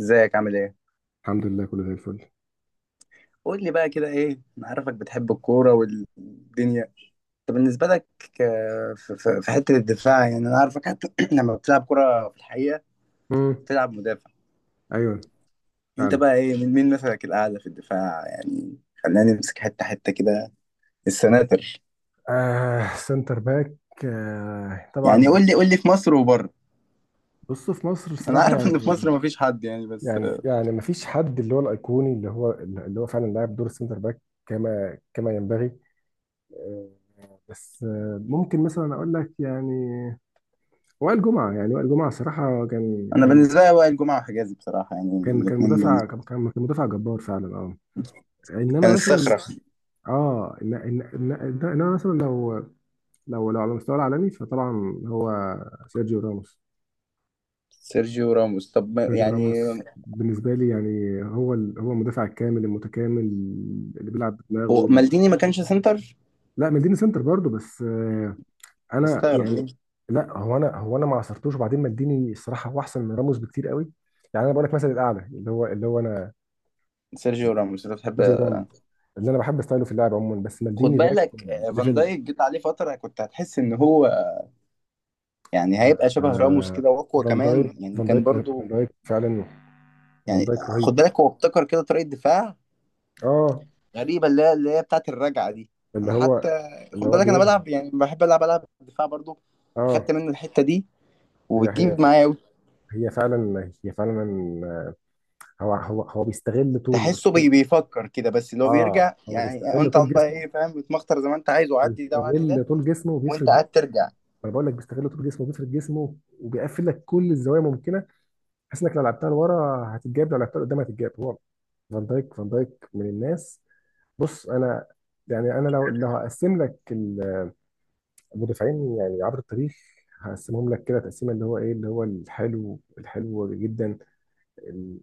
ازيك عامل ايه؟ الحمد لله، كله زي الفل. قول لي بقى كده ايه، انا عارفك بتحب الكورة والدنيا. طب بالنسبة لك، في حتة الدفاع، يعني انا عارفك حتى لما بتلعب كورة في الحقيقة امم. بتلعب مدافع. ايوه. انت فعلا. بقى ايه، مين مثلك الاعلى في الدفاع؟ يعني خلينا نمسك حتة حتة كده، السناتر. آه، سنتر باك. آه، يعني طبعا. قول لي في مصر وبره. بصوا، في مصر انا الصراحه عارف ان في يعني. مصر مفيش حد يعني، بس يعني يعني ما فيش حد اللي هو الايقوني اللي هو فعلا لاعب دور السنتر باك كما ينبغي. آه، بس ممكن مثلا اقول لك يعني وائل جمعه. يعني وائل جمعه صراحه كان انا كان بالنسبة لي وائل جمعة وحجازي بصراحة، يعني كان الاثنين مدافع. دول كان مدافع جبار فعلا. اه، كان انما مثلا الصخرة. انما مثلا لو. لو على المستوى العالمي فطبعا هو سيرجيو راموس. سيرجيو راموس، طب ما- سيرجيو يعني راموس بالنسبة لي يعني هو هو المدافع الكامل المتكامل اللي بيلعب بدماغه هو مالديني ما كانش سنتر؟ لا، مالديني سنتر برضه، بس انا استغرب. يعني. لا، هو انا ما عصرتوش. وبعدين مالديني الصراحة هو احسن من راموس بكتير قوي. يعني انا بقول لك مثلا الاعلى اللي هو انا سيرجيو راموس انت بتحب. سيرجيو راموس. اللي انا بحب ستايله في اللعب عموما، بس خد مالديني ده بالك كان فان ليفل. دايك جيت عليه فتره كنت هتحس ان هو يعني هيبقى شبه راموس آه، كده واقوى فان دايك. كمان، يعني فان كان دايك فان برضو. دايك فعلا. فان يعني دايك رهيب. خد بالك هو ابتكر كده طريقه دفاع اه، غريبه، اللي هي بتاعت الرجعه دي. اللي انا حتى هو خد بالك انا بينهي. بلعب، يعني بحب العب دفاع برضو، اه. اخدت منه الحته دي هي هي وبتجيب معايا أوي. هي فعلا. هي فعلا. هو بيستغل طوله. تحسه بيستغل. بيفكر كده، بس اللي هو اه، بيرجع، هو يعني بيستغل انت طول قاعد بقى جسمه. ايه فاهم، بتمخطر زي ما انت عايز وعدي ده وعدي ده بيستغل طول جسمه وانت وبيفرد جسمه. قاعد ترجع. انا بقول لك، بيستغل طول جسمه وبيفرد جسمه وبيقفل لك كل الزوايا ممكنه، بحيث انك لو لعبتها لورا هتتجاب، لو لعبتها لقدام هتتجاب. هو فان دايك. فان دايك من الناس. بص، انا يعني انا لو هقسم لك المدافعين يعني عبر التاريخ، هقسمهم لك كده تقسيمه اللي هو ايه، اللي هو الحلو، الحلو جدا.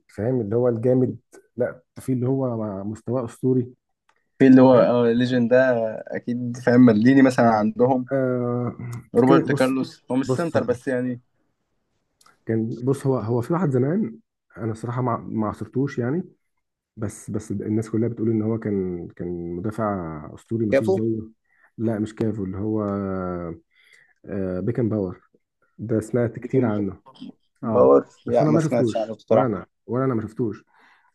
فاهم؟ اللي هو الجامد. لا، في اللي هو مستواه اسطوري. في اللي هو فاهم؟ اه ليجن ده، اكيد فاهم. مالديني مثلا عندهم آه. كده روبرت بص. كارلوس، هو مش بص. سنتر بس يعني. كان بص، هو في واحد زمان انا صراحه ما عصرتوش يعني، بس الناس كلها بتقول ان هو كان مدافع اسطوري ما فيش كافو، زيه. لا، مش كافو، اللي هو آه، بيكن باور. ده سمعت كتير بيكن عنه. اه، باور، بس لا انا ما ما سمعتش عنه شفتوش. ولا بصراحة. انا ولا انا ما شفتوش.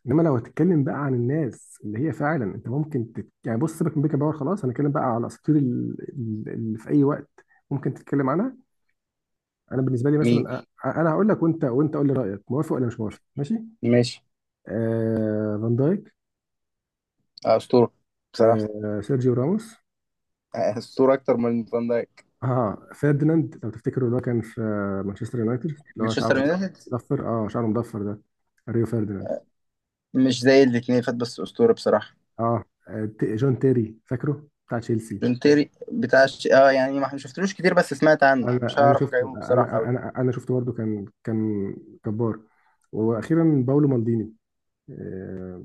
انما لو هتتكلم بقى عن الناس اللي هي فعلا انت ممكن يعني بص، سيبك من بيكن باور خلاص، هنتكلم بقى على الاساطير اللي في اي وقت ممكن تتكلم عنها. انا بالنسبه لي مين؟ مثلا انا هقول لك وانت قول لي رايك، موافق ولا مش موافق، ماشي؟ ماشي. آه، فان دايك. أسطورة بصراحة. آه، سيرجيو راموس. أسطورة أكتر من فان دايك. اه، فيرديناند. لو تفتكروا اللي هو كان في آه، مانشستر يونايتد، اللي هو مانشستر شعره يونايتد، مضفر. اه، شعره مضفر ده، ريو فيرديناند. مش زي الاتنين فات بس أسطورة بصراحة. اه، جون تيري، فاكره بتاع تشيلسي؟ جون تيري بتاع اه، يعني ما شفتلوش كتير بس سمعت عنه، مش انا انا هعرف شفت أقيمه انا بصراحة أوي. انا شفت برضه. كان جبار. واخيرا باولو مالديني. آه،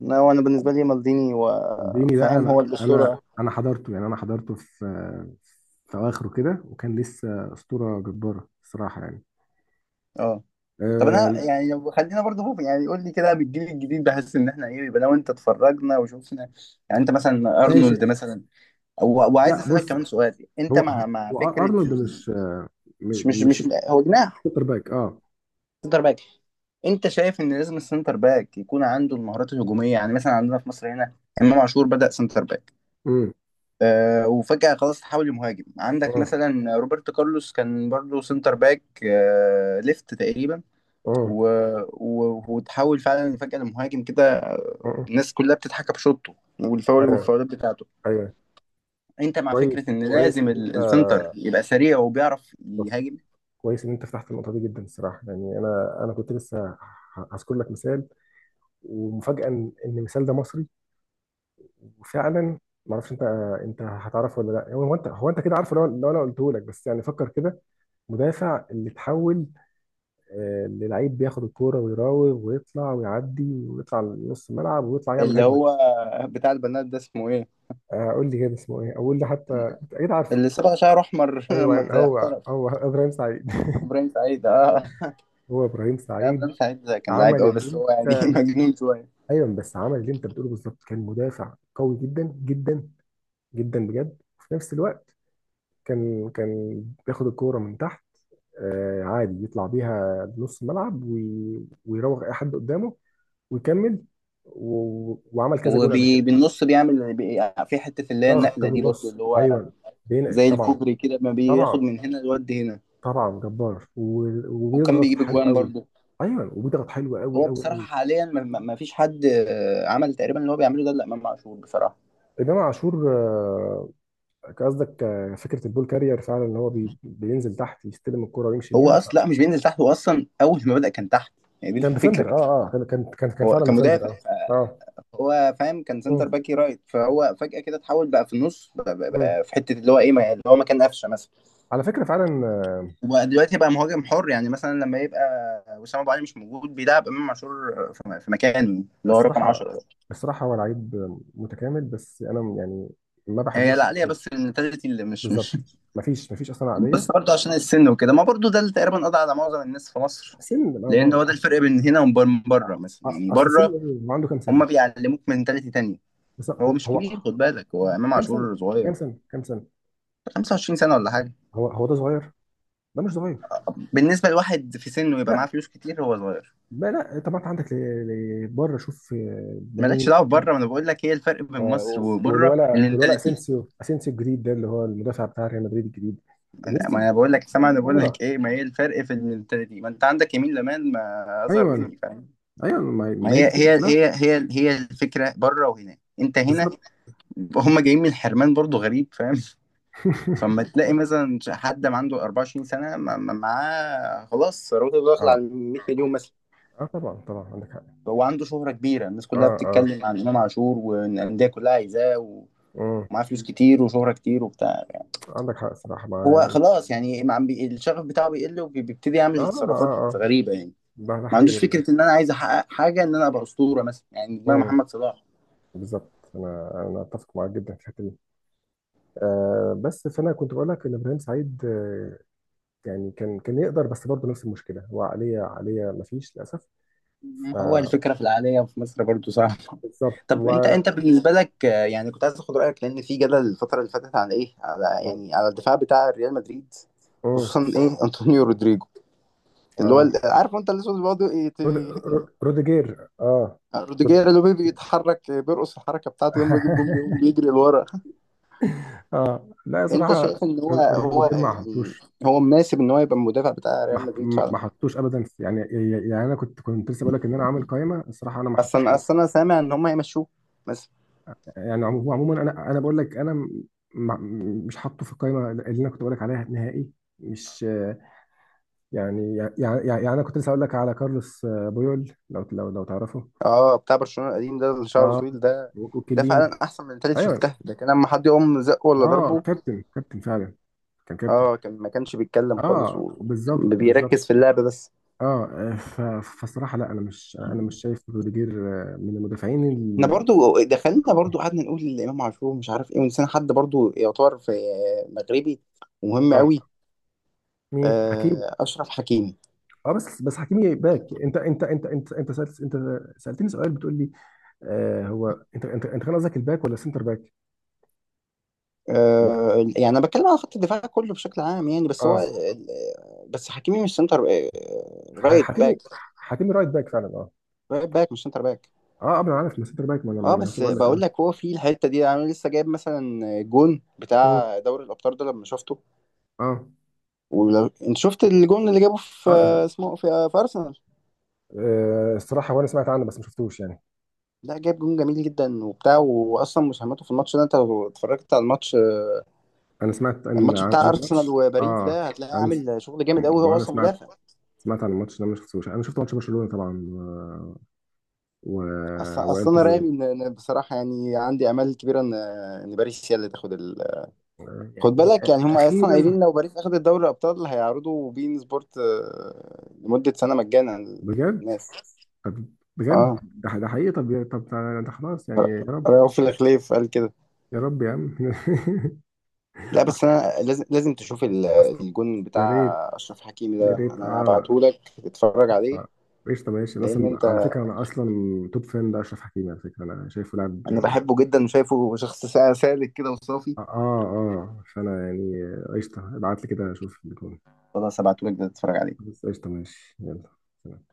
لا، هو أنا بالنسبة لي مالديني، مالديني ده وفاهم هو انا انا الأسطورة. انا حضرته يعني، انا حضرته في في اواخره كده، وكان لسه اسطوره جباره الصراحه يعني. اه. طب انا آه، يعني لو خلينا برضه فوق، يعني قول لي كده بالجيل الجديد، بحس ان احنا ايه؟ يبقى لو انت اتفرجنا وشوفنا، يعني انت مثلا ماشي. ارنولد مثلا، وعايز لا، اسالك بص، كمان سؤال: انت هو مع هو فكره ارنولد مش مش مش مش مش هو جناح سوبر باك. اه. سنتر باك؟ انت شايف ان لازم السنتر باك يكون عنده المهارات الهجوميه؟ يعني مثلا عندنا في مصر هنا، امام عاشور بدا سنتر باك، امم. آه، وفجاه خلاص تحول لمهاجم. عندك اه. مثلا روبرتو كارلوس كان برضه سنتر باك، آه، ليفت تقريبا، اه. و... وتحول فعلا فجأة لمهاجم كده، آه. آه. الناس كلها بتضحك بشوطه والفاول ايوه. والفاولات بتاعته. ايوه. انت مع فكرة كويس. ان كويس لازم ان السنتر يبقى سريع وبيعرف انت، يهاجم؟ كويس ان انت فتحت النقطه دي، جدا الصراحه يعني. انا كنت لسه هذكر لك مثال. ومفاجاه ان إن المثال ده مصري وفعلا ما اعرفش انت، انت هتعرفه ولا لا؟ هو انت، هو انت كده عارفه. لو انا قلته لك. بس يعني فكر كده، مدافع اللي اتحول آه، للعيب، بياخد الكوره ويراوغ ويطلع ويعدي ويطلع لنص الملعب ويطلع يعمل اللي هجمه. هو بتاع البنات ده اسمه ايه؟ آه، قول لي كده اسمه ايه، اقول لي حتى. انت اكيد عارفه. اللي صبغ شعره احمر لما ايوه، هو احترف. هو ابراهيم سعيد. ابراهيم سعيد، اه. هو ابراهيم لا، سعيد. ابراهيم سعيد ده كان لعيب عمل قوي، اللي بس هو يعني انت، مجنون شويه. ايوه، بس عمل اللي انت بتقوله بالظبط. كان مدافع قوي جدا جدا جدا بجد، وفي نفس الوقت كان بياخد الكوره من تحت. آه، عادي يطلع بيها بنص الملعب، ويراوغ اي حد قدامه ويكمل. و... وعمل كذا جون قبل كده. وبالنص بيعمل في حته اللي هي ضغط النقله دي برضو، بالنص، اللي هو ايوه. بينقل زي طبعا. الكوبري كده، ما بياخد طبعا. من هنا لود هنا. طبعا جبار، و... وكان وبيضغط بيجيب حلو اجوان قوي. برضو. ايوه، وبيضغط حلو، قوي هو قوي بصراحة قوي. حاليا ما فيش حد عمل تقريبا اللي هو بيعمله ده إلا إمام عاشور بصراحة. انما عاشور آه، قصدك آه، فكره البول كارير. فعلا، ان هو بي بينزل تحت يستلم الكرة ويمشي هو بيها ف... أصلا لا، مش بينزل تحت، هو أصلا أول ما بدأ كان تحت، يعني دي كان الفكرة. ديفندر. اه. اه، كان هو فعلا كان ديفندر. مدافع، اه. اه. هو فاهم كان سنتر مم. باكي رايت، فهو فجأة كده اتحول بقى في النص بقى, بقى, مم. بقى في حتة اللي هو إيه اللي هو مكان قفشة مثلا. على فكره فعلا آه، وبقى دلوقتي بقى مهاجم حر، يعني مثلا لما يبقى وسام أبو علي مش موجود بيلعب إمام عاشور في مكانه اللي هو رقم 10 الصراحه. ده. الصراحه هو لعيب متكامل، بس انا يعني ما هي بحبوش لا عليها، شخصيا. بس المنتاليتي اللي مش. بالظبط، ما فيش اصلا بس عقليه. برضه عشان السن وكده، ما برضه ده اللي تقريبا قضى على معظم الناس في مصر، سن ما لان هو ده اصل. الفرق بين هنا وبين بره. مثلا يعني أصل سن بره ايه، هو عنده كام هم سنه؟ بيعلموك منتاليتي تانية. بس هو هو مش هو كبير، خد بالك هو امام كام سنه؟ عاشور صغير، كام سنه؟ كام سنه؟ 25 سنه ولا حاجه. هو ده صغير؟ ده مش صغير. بالنسبه لواحد في سنه يبقى لا معاه فلوس كتير هو صغير. لا لا. طب ما انت عندك بره. شوف آه، لامين. مالكش دعوه بره، ما انا بقول لك ايه الفرق بين آه، مصر بس وبره والولا المنتاليتي. اسينسيو. اسينسيو الجديد ده، اللي هو المدافع بتاع ريال مدريد الجديد. الناس دي، ما الناس انا بقول لك سامع، انا دي بقول صغيره. لك ايه ما هي الفرق في المنتاليتي، ما انت عندك يمين لمان ما اصغر ايوه، بالظبط. مني فاهم. ايوه، ما ما ما هي هي دي الفكره هي كلها. هي هي هي الفكره بره وهنا، انت هنا بالظبط. هم جايين من حرمان برضو غريب فاهم. فما تلاقي مثلا حد ما عنده 24 سنة معاه خلاص ثروته داخلة اه. على 100 مليون مثلا. اه، طبعا. طبعا عندك حق. هو عنده شهرة كبيرة، الناس اه. كلها اه. بتتكلم عن إمام عاشور والأندية كلها عايزاه، امم. ومعاه فلوس كتير وشهرة كتير وبتاع يعني. عندك حق الصراحه، مع هو يعني. خلاص يعني ما عم الشغف بتاعه بيقل وبيبتدي اه. يعمل اه. تصرفات اه. غريبة يعني. ده ده ما حقيقي عندوش والله. فكرة إن أنا عايز أحقق حاجة، إن أنا أبقى أسطورة مثلا، يعني دماغ امم. محمد صلاح. بالظبط، انا اتفق معاك جدا في الحته دي. آه، بس فانا كنت بقول لك ان ابراهيم سعيد آه، يعني كان يقدر، بس برضه نفس المشكله، هو عقليه. عقليه ما فيش للاسف. ما هو الفكرة في العالية في مصر برضو صعبة. فبالظبط. طب انت بالنسبة لك، يعني كنت عايز اخد رأيك، لان في جدل الفترة اللي فاتت على ايه، على يعني على الدفاع بتاع ريال مدريد، امم. خصوصا ايه انطونيو رودريجو اللي هو اه. عارف انت الاسود اللي بيقعد رود... روديجير. اه. روديجير، رود... اللي هو بيتحرك بيرقص الحركة بتاعته لما يجيب جون بيقوم بيجري لورا. اه لا، انت صراحة، شايف ان هو هو روديجير ما يعني حطوش. هو مناسب ان هو يبقى المدافع بتاع ريال مدريد ما فعلا؟ حطوش ابدا يعني. يعني انا كنت لسه بقول لك ان انا عامل قائمه الصراحه، انا ما حطوش. اصلا انا سامع ان هم يمشوه. يعني هو عموما انا بقول لك انا ما- مش حاطه في القائمه اللي انا كنت بقول لك عليها نهائي. مش آه، يعني انا كنت لسه اقول لك على كارلوس آه، بويول. لو تعرفه. اه بتاع برشلونة القديم ده اللي شعره اه. طويل ده، ده وكليني. فعلا احسن من التالت ايوه. شفتها. ده كان لما حد يقوم زقه ولا اه، ضربه، كابتن. كابتن فعلا. كان كابتن. اه كان ما كانش بيتكلم خالص اه، وكان بالظبط. بالظبط. بيركز في اللعب بس. اه، فصراحه لا، انا مش، انا مش شايف روديجير آه، من المدافعين احنا برضو دخلنا برضو قعدنا نقول الامام عاشور مش عارف ايه، ونسينا حد برضو يعتبر في، مغربي، ومهم اه. قوي. مين، حكيمي؟ اشرف حكيمي. اه، بس حكيمي باك. انت سألت، انت سألتني سؤال بتقول لي آه، هو انت كان قصدك الباك ولا السنتر باك؟ لا. يعني انا بتكلم على خط الدفاع كله بشكل عام يعني، بس اه. هو، بس حكيمي مش سنتر، رايت حكيمي. باك، حكيمي رايت باك فعلا، اه. رايت باك مش سنتر باك. اه، قبل، عارف، ما سنتر باك. ما انا اه ما انا لسه بس بقول لك. بقول اه. لك هو في الحته دي، يعني انا لسه جايب مثلا جون مم. بتاع دوري الابطال ده لما شفته. اه. ولو انت شفت الجون اللي جابه في اه. اسمه في, ارسنال، آه، الصراحه، وانا سمعت عنه بس ما شفتوش يعني. لا، جاب جون جميل جدا وبتاع، واصلا مساهمته في الماتش ده، انت لو اتفرجت على الماتش، انا سمعت ان، الماتش بتاع انا ارسنال ماتش، وباريس اه. ده، هتلاقيه انا س... عامل شغل جامد قوي، ما هو انا اصلا سمعت، مدافع. سمعت عن الماتش ده ما شفتوش. انا شفت ماتش برشلونة طبعا، و... اصلا وانتر انا رامي ميلان. ان بصراحه يعني عندي امال كبيره ان ان باريس هي اللي تاخد. خد يعني. بالك يعني هم اصلا اخيرا. قايلين لو باريس اخدت دوري الابطال هيعرضوا بين سبورت لمده سنه مجانا بجد. للناس. طب. بجد، اه ده ده حقيقي. طب طب ده ده خلاص يعني، يا رب. رؤوف الخليف قال كده. يا رب يا عم. لا بس اصل. انا لازم تشوف اصل. الجون يا بتاع ريت. اشرف حكيمي يا ده، ريت، انا اه. هبعته لك تتفرج عليه. آه. ايش، طب ايش، لان اصلا على انت فكره، انا اصلا توب فان ده اشرف حكيمي، على فكره انا شايفه لاعب. انا بحبه جدا وشايفه شخص سالك كده وصافي. اه. اه. آه، فانا يعني قشطه، ابعت لي كده اشوف بيكون. خلاص هبعته لك ده تتفرج عليه بس قشطة، ماشي، يلا. سلام.